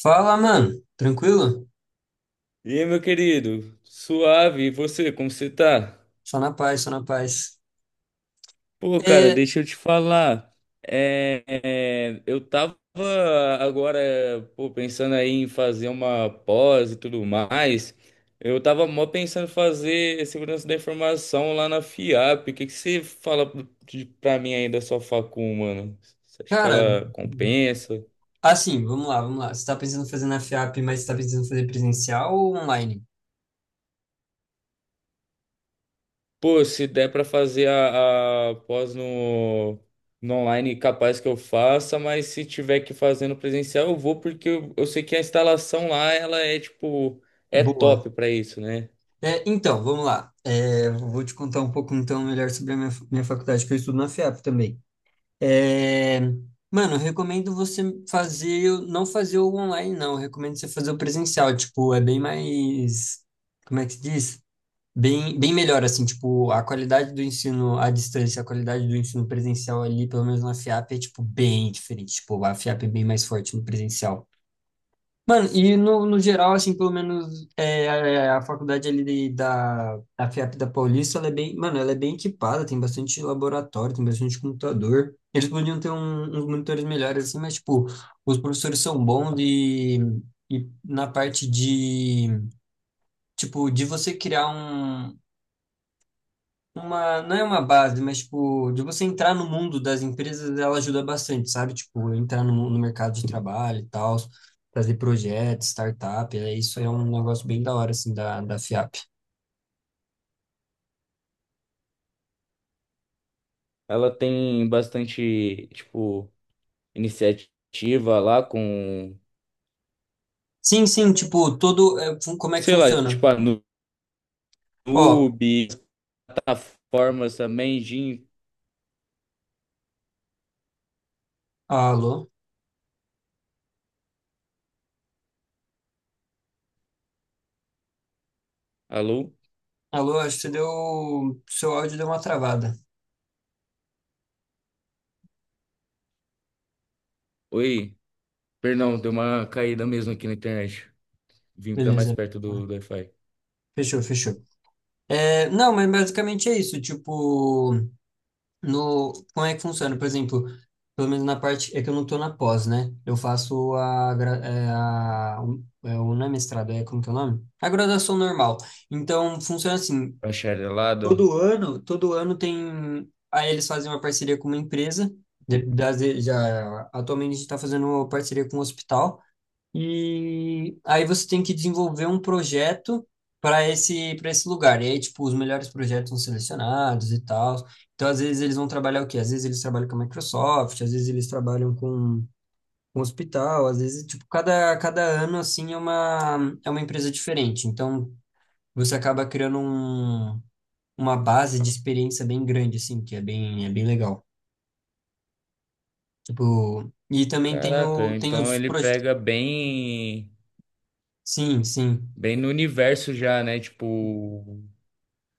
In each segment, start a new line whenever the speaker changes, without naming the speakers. Fala, mano. Tranquilo?
E aí, meu querido? Suave, e você, como você tá?
Só na paz, só na paz.
Pô, cara,
É,
deixa eu te falar. Eu tava agora, pô, pensando aí em fazer uma pós e tudo mais. Eu tava mó pensando em fazer segurança da informação lá na FIAP. O que que você fala pra mim aí da sua facul, mano? Você acha que
cara,
ela compensa?
vamos lá, vamos lá. Você tá pensando em fazer na FIAP, mas você tá pensando em fazer presencial ou online?
Pô, se der pra fazer a pós no online, capaz que eu faça, mas se tiver que fazer no presencial, eu vou porque eu sei que a instalação lá, ela é tipo, é
Boa.
top pra isso, né?
Vamos lá. Vou te contar um pouco, então, melhor sobre a minha, minha faculdade, que eu estudo na FIAP também. É, mano, eu recomendo você fazer, não fazer o online, não. Eu recomendo você fazer o presencial. Tipo, é bem mais, como é que se diz? Bem melhor, assim, tipo, a qualidade do ensino à distância, a qualidade do ensino presencial ali, pelo menos na FIAP, é, tipo, bem diferente. Tipo, a FIAP é bem mais forte no presencial. Mano, e no geral, assim, pelo menos a faculdade ali da FIAP da Paulista, ela é bem, mano, ela é bem equipada, tem bastante laboratório, tem bastante computador. Eles podiam ter uns monitores melhores, assim, mas, tipo, os professores são bons e na parte de, tipo, de você criar uma, não é uma base, mas tipo, de você entrar no mundo das empresas, ela ajuda bastante, sabe? Tipo, entrar no mercado de trabalho e tal, fazer projetos, startup, é, isso é um negócio bem da hora, assim, da FIAP.
Ela tem bastante, tipo, iniciativa lá com,
Sim, sim, tipo, todo, é, como é que
sei lá,
funciona?
tipo a
Ó,
Nube, plataformas também, Jim.
alô,
Alô?
alô, acho que você deu, seu áudio deu uma travada.
Oi, perdão, deu uma caída mesmo aqui na internet. Vim pra mais
Beleza.
perto do, do Wi-Fi.
Fechou, fechou. Não, mas basicamente é isso, tipo, no, como é que funciona? Por exemplo, pelo menos na parte, é que eu não tô na pós, né? Eu faço a, não é mestrado, é como que é o nome? A graduação normal. Então, funciona assim,
Bacharelado.
todo ano tem, aí eles fazem uma parceria com uma empresa, atualmente a gente tá fazendo uma parceria com um hospital, e aí você tem que desenvolver um projeto para para esse lugar. E aí, tipo, os melhores projetos são selecionados e tal. Então, às vezes, eles vão trabalhar o quê? Às vezes eles trabalham com a Microsoft, às vezes eles trabalham com o hospital, às vezes, tipo, cada ano, assim, é uma empresa diferente. Então, você acaba criando uma base de experiência bem grande, assim, que é é bem legal. Tipo, e também tem,
Caraca,
o, tem
então
os
ele
projetos.
pega bem,
Sim, sim.
bem no universo já, né? Tipo,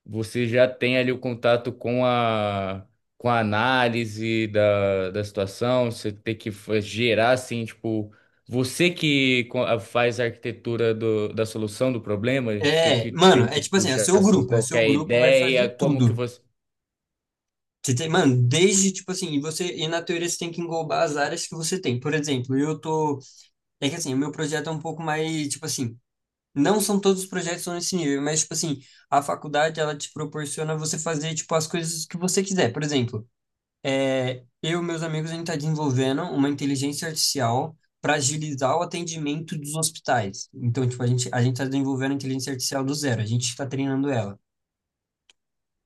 você já tem ali o contato com a análise da, da situação, você tem que gerar assim, tipo, você que faz a arquitetura do, da solução do problema, você que
Mano,
tem que
é tipo assim, é o
puxar
seu
assim
grupo, é o seu
qualquer
grupo vai
ideia,
fazer
como que
tudo.
você.
Você tem, mano, desde tipo assim, e você e na teoria você tem que englobar as áreas que você tem. Por exemplo, eu tô, é que assim, o meu projeto é um pouco mais, tipo assim, não são todos os projetos são nesse nível, mas tipo assim, a faculdade ela te proporciona você fazer tipo as coisas que você quiser. Por exemplo, eu e meus amigos a gente tá desenvolvendo uma inteligência artificial para agilizar o atendimento dos hospitais. Então, tipo, a gente tá desenvolvendo a inteligência artificial do zero, a gente está treinando ela.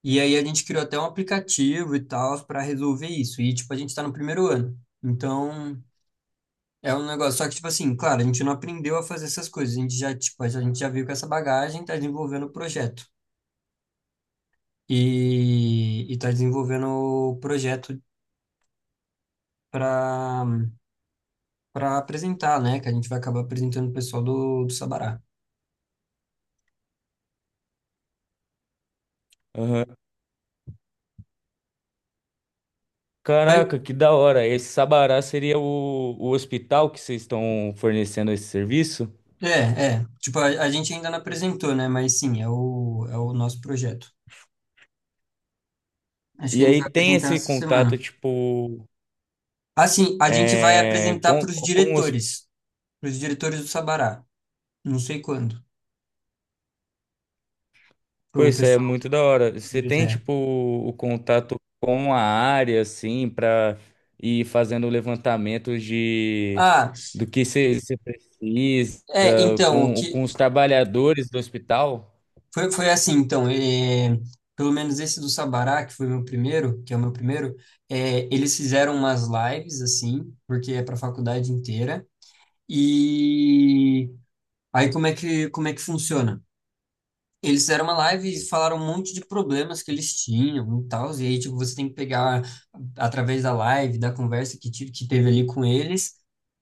E aí a gente criou até um aplicativo e tal para resolver isso. E tipo, a gente tá no 1º ano. Então, é um negócio, só que tipo assim, claro, a gente não aprendeu a fazer essas coisas. A gente já, tipo, a gente já veio com essa bagagem, tá desenvolvendo o projeto. E tá desenvolvendo o projeto para para apresentar, né, que a gente vai acabar apresentando o pessoal do Sabará.
Aham.
Mas,
Caraca, que da hora. Esse Sabará seria o hospital que vocês estão fornecendo esse serviço?
tipo, a gente ainda não apresentou, né, mas sim, é o nosso projeto. Acho que
E
a gente
aí
vai
tem
apresentar
esse
essa
contato,
semana.
tipo,
Assim, a gente vai
é,
apresentar
com os.
para os diretores do Sabará. Não sei quando, para
Pô,
o
isso é
pessoal
muito da hora. Você
deles,
tem,
é.
tipo, o contato com a área, assim, pra ir fazendo levantamentos de
Ah,
do que você precisa,
é, então, o que
com os trabalhadores do hospital?
foi, foi assim, então, é, pelo menos esse do Sabará, que foi meu primeiro, que é o meu primeiro, é, eles fizeram umas lives, assim, porque é para a faculdade inteira. E aí, como é que funciona? Eles fizeram uma live e falaram um monte de problemas que eles tinham e tal, e aí, tipo, você tem que pegar através da live, da conversa que teve ali com eles,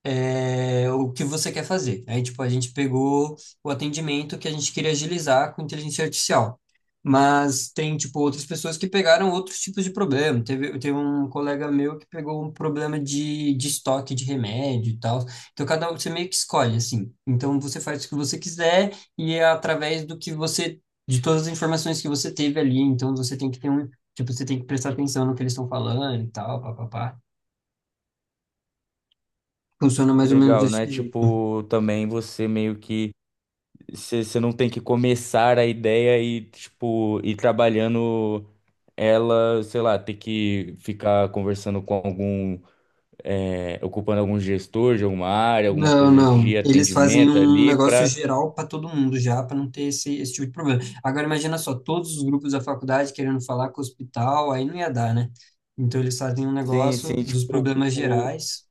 é, o que você quer fazer. Aí, tipo, a gente pegou o atendimento que a gente queria agilizar com inteligência artificial. Mas tem, tipo, outras pessoas que pegaram outros tipos de problema. Teve um colega meu que pegou um problema de estoque de remédio e tal. Então, cada um, você meio que escolhe, assim. Então, você faz o que você quiser e é através do que você, de todas as informações que você teve ali. Então, você tem que ter tipo, você tem que prestar atenção no que eles estão falando e tal, papapá. Funciona mais ou menos
Legal,
desse
né?
jeito.
Tipo, também você meio que. Você não tem que começar a ideia e, tipo, ir trabalhando ela, sei lá, ter que ficar conversando com algum, é, ocupando algum gestor de alguma área, alguma
Não,
coisa
não.
de
Eles fazem
atendimento
um
ali
negócio
pra.
geral para todo mundo já, para não ter esse tipo de problema. Agora imagina só, todos os grupos da faculdade querendo falar com o hospital, aí não ia dar, né? Então eles fazem um
Sim,
negócio
sim,
dos
tipo,
problemas gerais.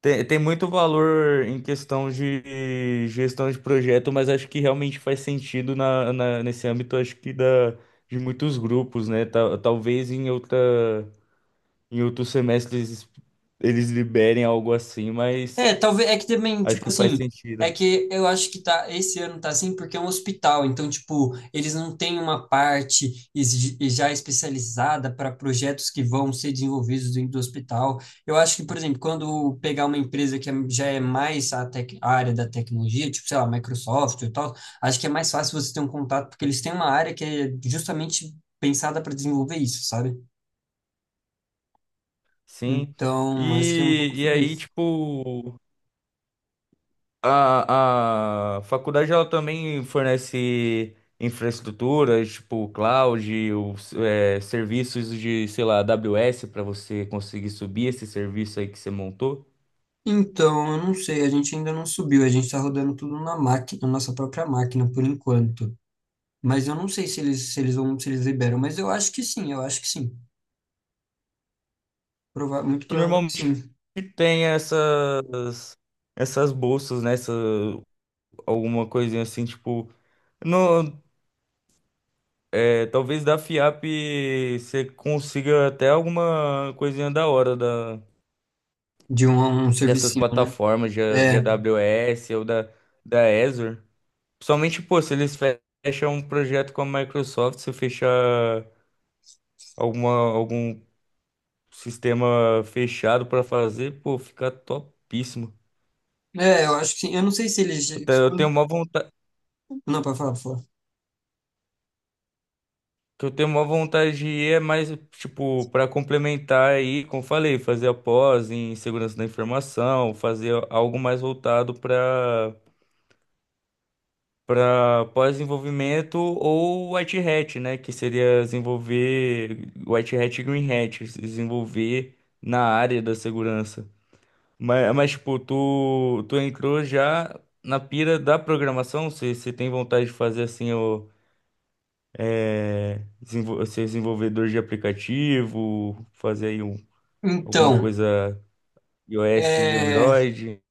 tem, tem muito valor em questão de gestão de projeto, mas acho que realmente faz sentido na, nesse âmbito, acho que da, de muitos grupos, né? Talvez em outra. Em outro semestre eles, eles liberem algo assim, mas
É, talvez, é que também,
acho
tipo
que faz
assim, é
sentido.
que eu acho que tá, esse ano tá assim porque é um hospital, então, tipo, eles não têm uma parte já especializada para projetos que vão ser desenvolvidos dentro do hospital. Eu acho que, por exemplo, quando pegar uma empresa que já é mais a, a área da tecnologia, tipo, sei lá, Microsoft e tal, acho que é mais fácil você ter um contato, porque eles têm uma área que é justamente pensada para desenvolver isso, sabe?
Sim.
Então, acho que é um pouco
E
sobre
aí,
isso.
tipo, a faculdade ela também fornece infraestruturas, tipo, cloud, os, é, serviços de, sei lá, AWS para você conseguir subir esse serviço aí que você montou,
Então, eu não sei, a gente ainda não subiu, a gente tá rodando tudo na máquina, na nossa própria máquina por enquanto. Mas eu não sei se eles vão, se eles liberam, mas eu acho que sim, eu acho que sim. Muito
que
provável que
normalmente
sim.
tem essas, essas bolsas, né? Essa, alguma coisinha assim, tipo. No, é, talvez da FIAP você consiga até alguma coisinha da hora da,
De um, um
dessas
servicinho, né?
plataformas, de
É,
AWS ou da, da Azure. Principalmente, pô, se eles fecham um projeto com a Microsoft, se fechar alguma, algum sistema fechado para fazer, pô, fica topíssimo.
eu acho que sim. Eu não sei se eles
Eu tenho uma
não, para falar, pra falar.
que eu tenho uma vontade de ir é mais, tipo, para complementar aí, como eu falei, fazer a pós em segurança da informação, fazer algo mais voltado para para pós-desenvolvimento ou White Hat, né, que seria desenvolver White Hat e Green Hat, se desenvolver na área da segurança. Mas tipo, tu entrou já na pira da programação, você tem vontade de fazer assim o é, ser desenvolvedor de aplicativo, fazer aí um, alguma
Então,
coisa iOS,
é,
Android.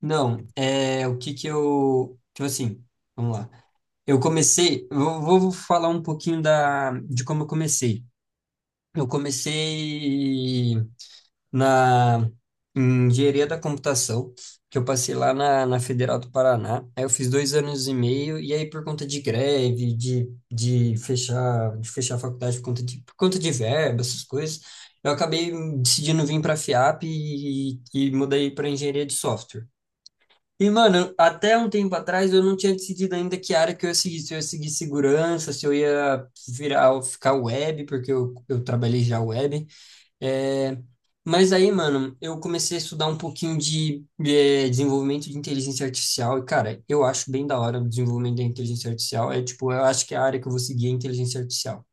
não, é, o que que eu. Tipo assim, vamos lá. Eu comecei, eu vou vou falar um pouquinho da, de como eu comecei. Eu comecei na em engenharia da computação, que eu passei lá na Federal do Paraná. Aí eu fiz 2 anos e meio, e aí por conta de greve, de fechar a faculdade por conta de verba, essas coisas, eu acabei decidindo vir para a FIAP e mudei para engenharia de software. E, mano, até um tempo atrás eu não tinha decidido ainda que área que eu ia seguir, se eu ia seguir segurança, se eu ia virar, ficar web, porque eu trabalhei já web, é, mas aí, mano, eu comecei a estudar um pouquinho é, desenvolvimento de inteligência artificial e, cara, eu acho bem da hora o desenvolvimento da inteligência artificial. É tipo, eu acho que é a área que eu vou seguir é inteligência artificial.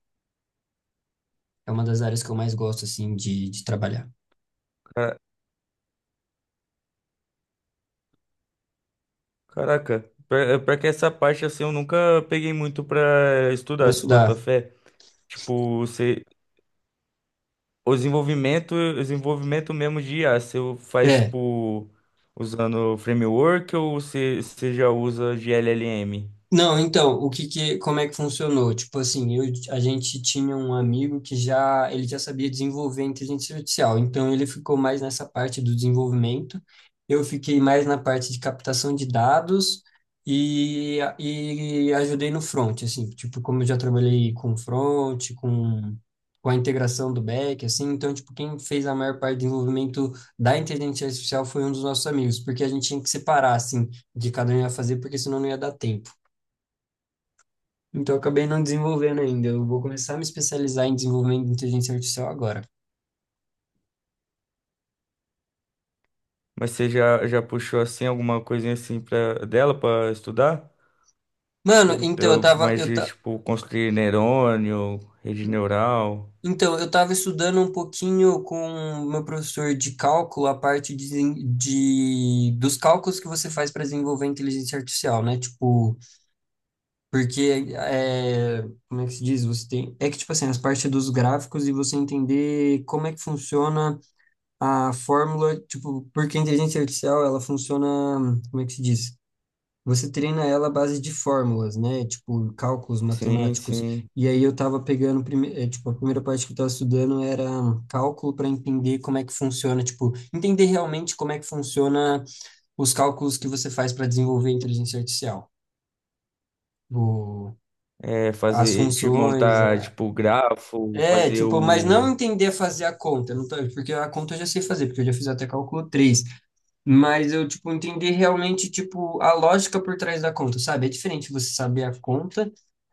É uma das áreas que eu mais gosto, assim, de trabalhar.
Cara- Caraca, pra que essa parte assim eu nunca peguei muito pra
Para
estudar, se
estudar.
botar fé. Tipo, você, o desenvolvimento mesmo de IA, você faz
É.
tipo usando framework ou você, já usa de L L M.
Não, então, o que que, como é que funcionou? Tipo assim, eu, a gente tinha um amigo que já, ele já sabia desenvolver inteligência artificial, então ele ficou mais nessa parte do desenvolvimento, eu fiquei mais na parte de captação de dados e ajudei no front, assim, tipo, como eu já trabalhei com front, com a integração do back, assim, então, tipo, quem fez a maior parte do desenvolvimento da inteligência artificial foi um dos nossos amigos, porque a gente tinha que separar, assim, de cada um ia fazer, porque senão não ia dar tempo. Então, eu acabei não desenvolvendo ainda. Eu vou começar a me especializar em desenvolvimento de inteligência artificial agora.
Mas você já, já puxou assim alguma coisinha assim pra, dela pra estudar?
Mano, então eu tava,
Mas,
eu
de,
ta...
tipo, construir neurônio, rede neural.
então, eu tava estudando um pouquinho com o meu professor de cálculo, a parte dos cálculos que você faz para desenvolver inteligência artificial, né? Tipo, porque é, como é que se diz? Você tem, é que tipo assim, as partes dos gráficos e você entender como é que funciona a fórmula, tipo, porque a inteligência artificial, ela funciona, como é que se diz? Você treina ela à base de fórmulas, né? Tipo, cálculos
Sim,
matemáticos.
sim.
E aí eu tava pegando, tipo, a primeira parte que eu tava estudando era cálculo para entender como é que funciona, tipo, entender realmente como é que funciona os cálculos que você faz para desenvolver a inteligência artificial. O-
É,
as
fazer, de
funções,
montar, tipo, grafo,
é,
fazer
tipo, mas
o...
não entender a fazer a conta, não tá- porque a conta eu já sei fazer, porque eu já fiz até cálculo três. Mas eu, tipo, entender realmente, tipo, a lógica por trás da conta, sabe? É diferente você saber a conta,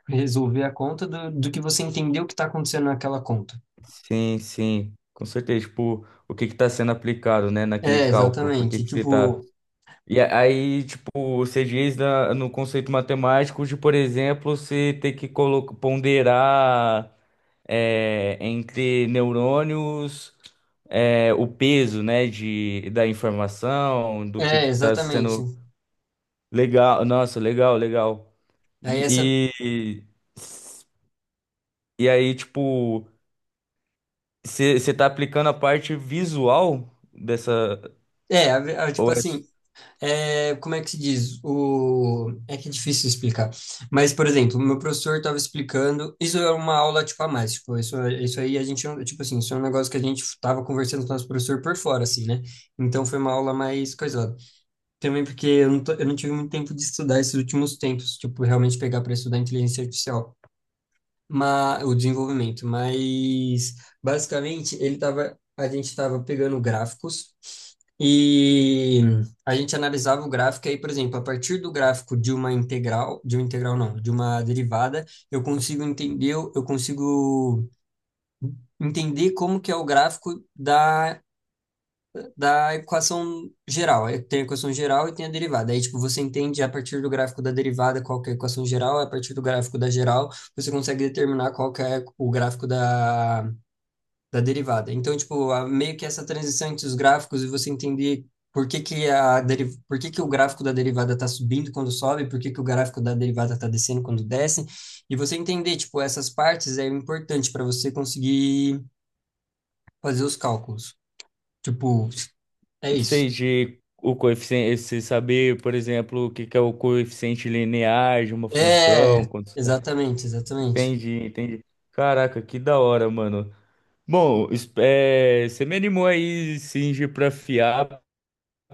resolver a conta, do que você entender o que está acontecendo naquela conta.
Sim, sim. Com certeza, tipo, o que que tá sendo aplicado, né, naquele
É,
cálculo. Por que
exatamente.
que você tá...
Tipo,
E aí, tipo, você diz no conceito matemático de, por exemplo, você ter que ponderar é, entre neurônios, é, o peso, né, de, da informação, do
é,
que está
exatamente.
sendo legal. Nossa, legal, legal.
Aí essa,
E, e, e aí, tipo, você está aplicando a parte visual dessa,
é, tipo
ou é,
assim, é, como é que se diz? O, é que é difícil explicar. Mas, por exemplo, o meu professor estava explicando, isso é uma aula, tipo, a mais, tipo, isso aí a gente, tipo assim, isso é um negócio que a gente estava conversando com o nosso professor por fora, assim, né? Então foi uma aula mais coisa. Também porque eu não tive muito tempo de estudar esses últimos tempos, tipo, realmente pegar para estudar inteligência artificial, mas, o desenvolvimento. Mas, basicamente, a gente estava pegando gráficos e a gente analisava o gráfico. E aí, por exemplo, a partir do gráfico de uma integral não, de uma derivada, eu consigo entender como que é o gráfico da equação geral. Aí tem a equação geral e tem a derivada. Aí, tipo, você entende a partir do gráfico da derivada qual que é a equação geral, a partir do gráfico da geral, você consegue determinar qual que é o gráfico da derivada. Então, tipo, meio que essa transição entre os gráficos e você entender por que que o gráfico da derivada está subindo quando sobe, por que que o gráfico da derivada está descendo quando desce, e você entender, tipo, essas partes é importante para você conseguir fazer os cálculos. Tipo, é isso.
seja, o coeficiente, você saber, por exemplo, o que que é o coeficiente linear de uma
É,
função, quantos...
exatamente.
Entendi, entendi. Caraca, que da hora, mano. Bom, é, você me animou aí, Singe, pra FIAP.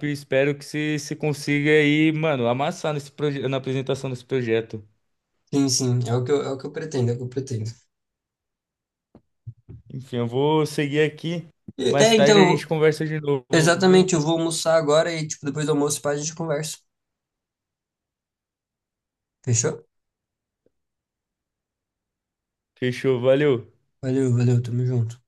Espero que você consiga aí, mano, amassar nesse na apresentação desse projeto.
Sim, sim, é o que eu pretendo, é o que eu pretendo.
Enfim, eu vou seguir aqui.
É,
Mais tarde a
então,
gente conversa de novo, viu?
exatamente, eu vou almoçar agora e, tipo, depois do almoço, pá, a gente conversa. Fechou?
Fechou, valeu.
Valeu, valeu, tamo junto.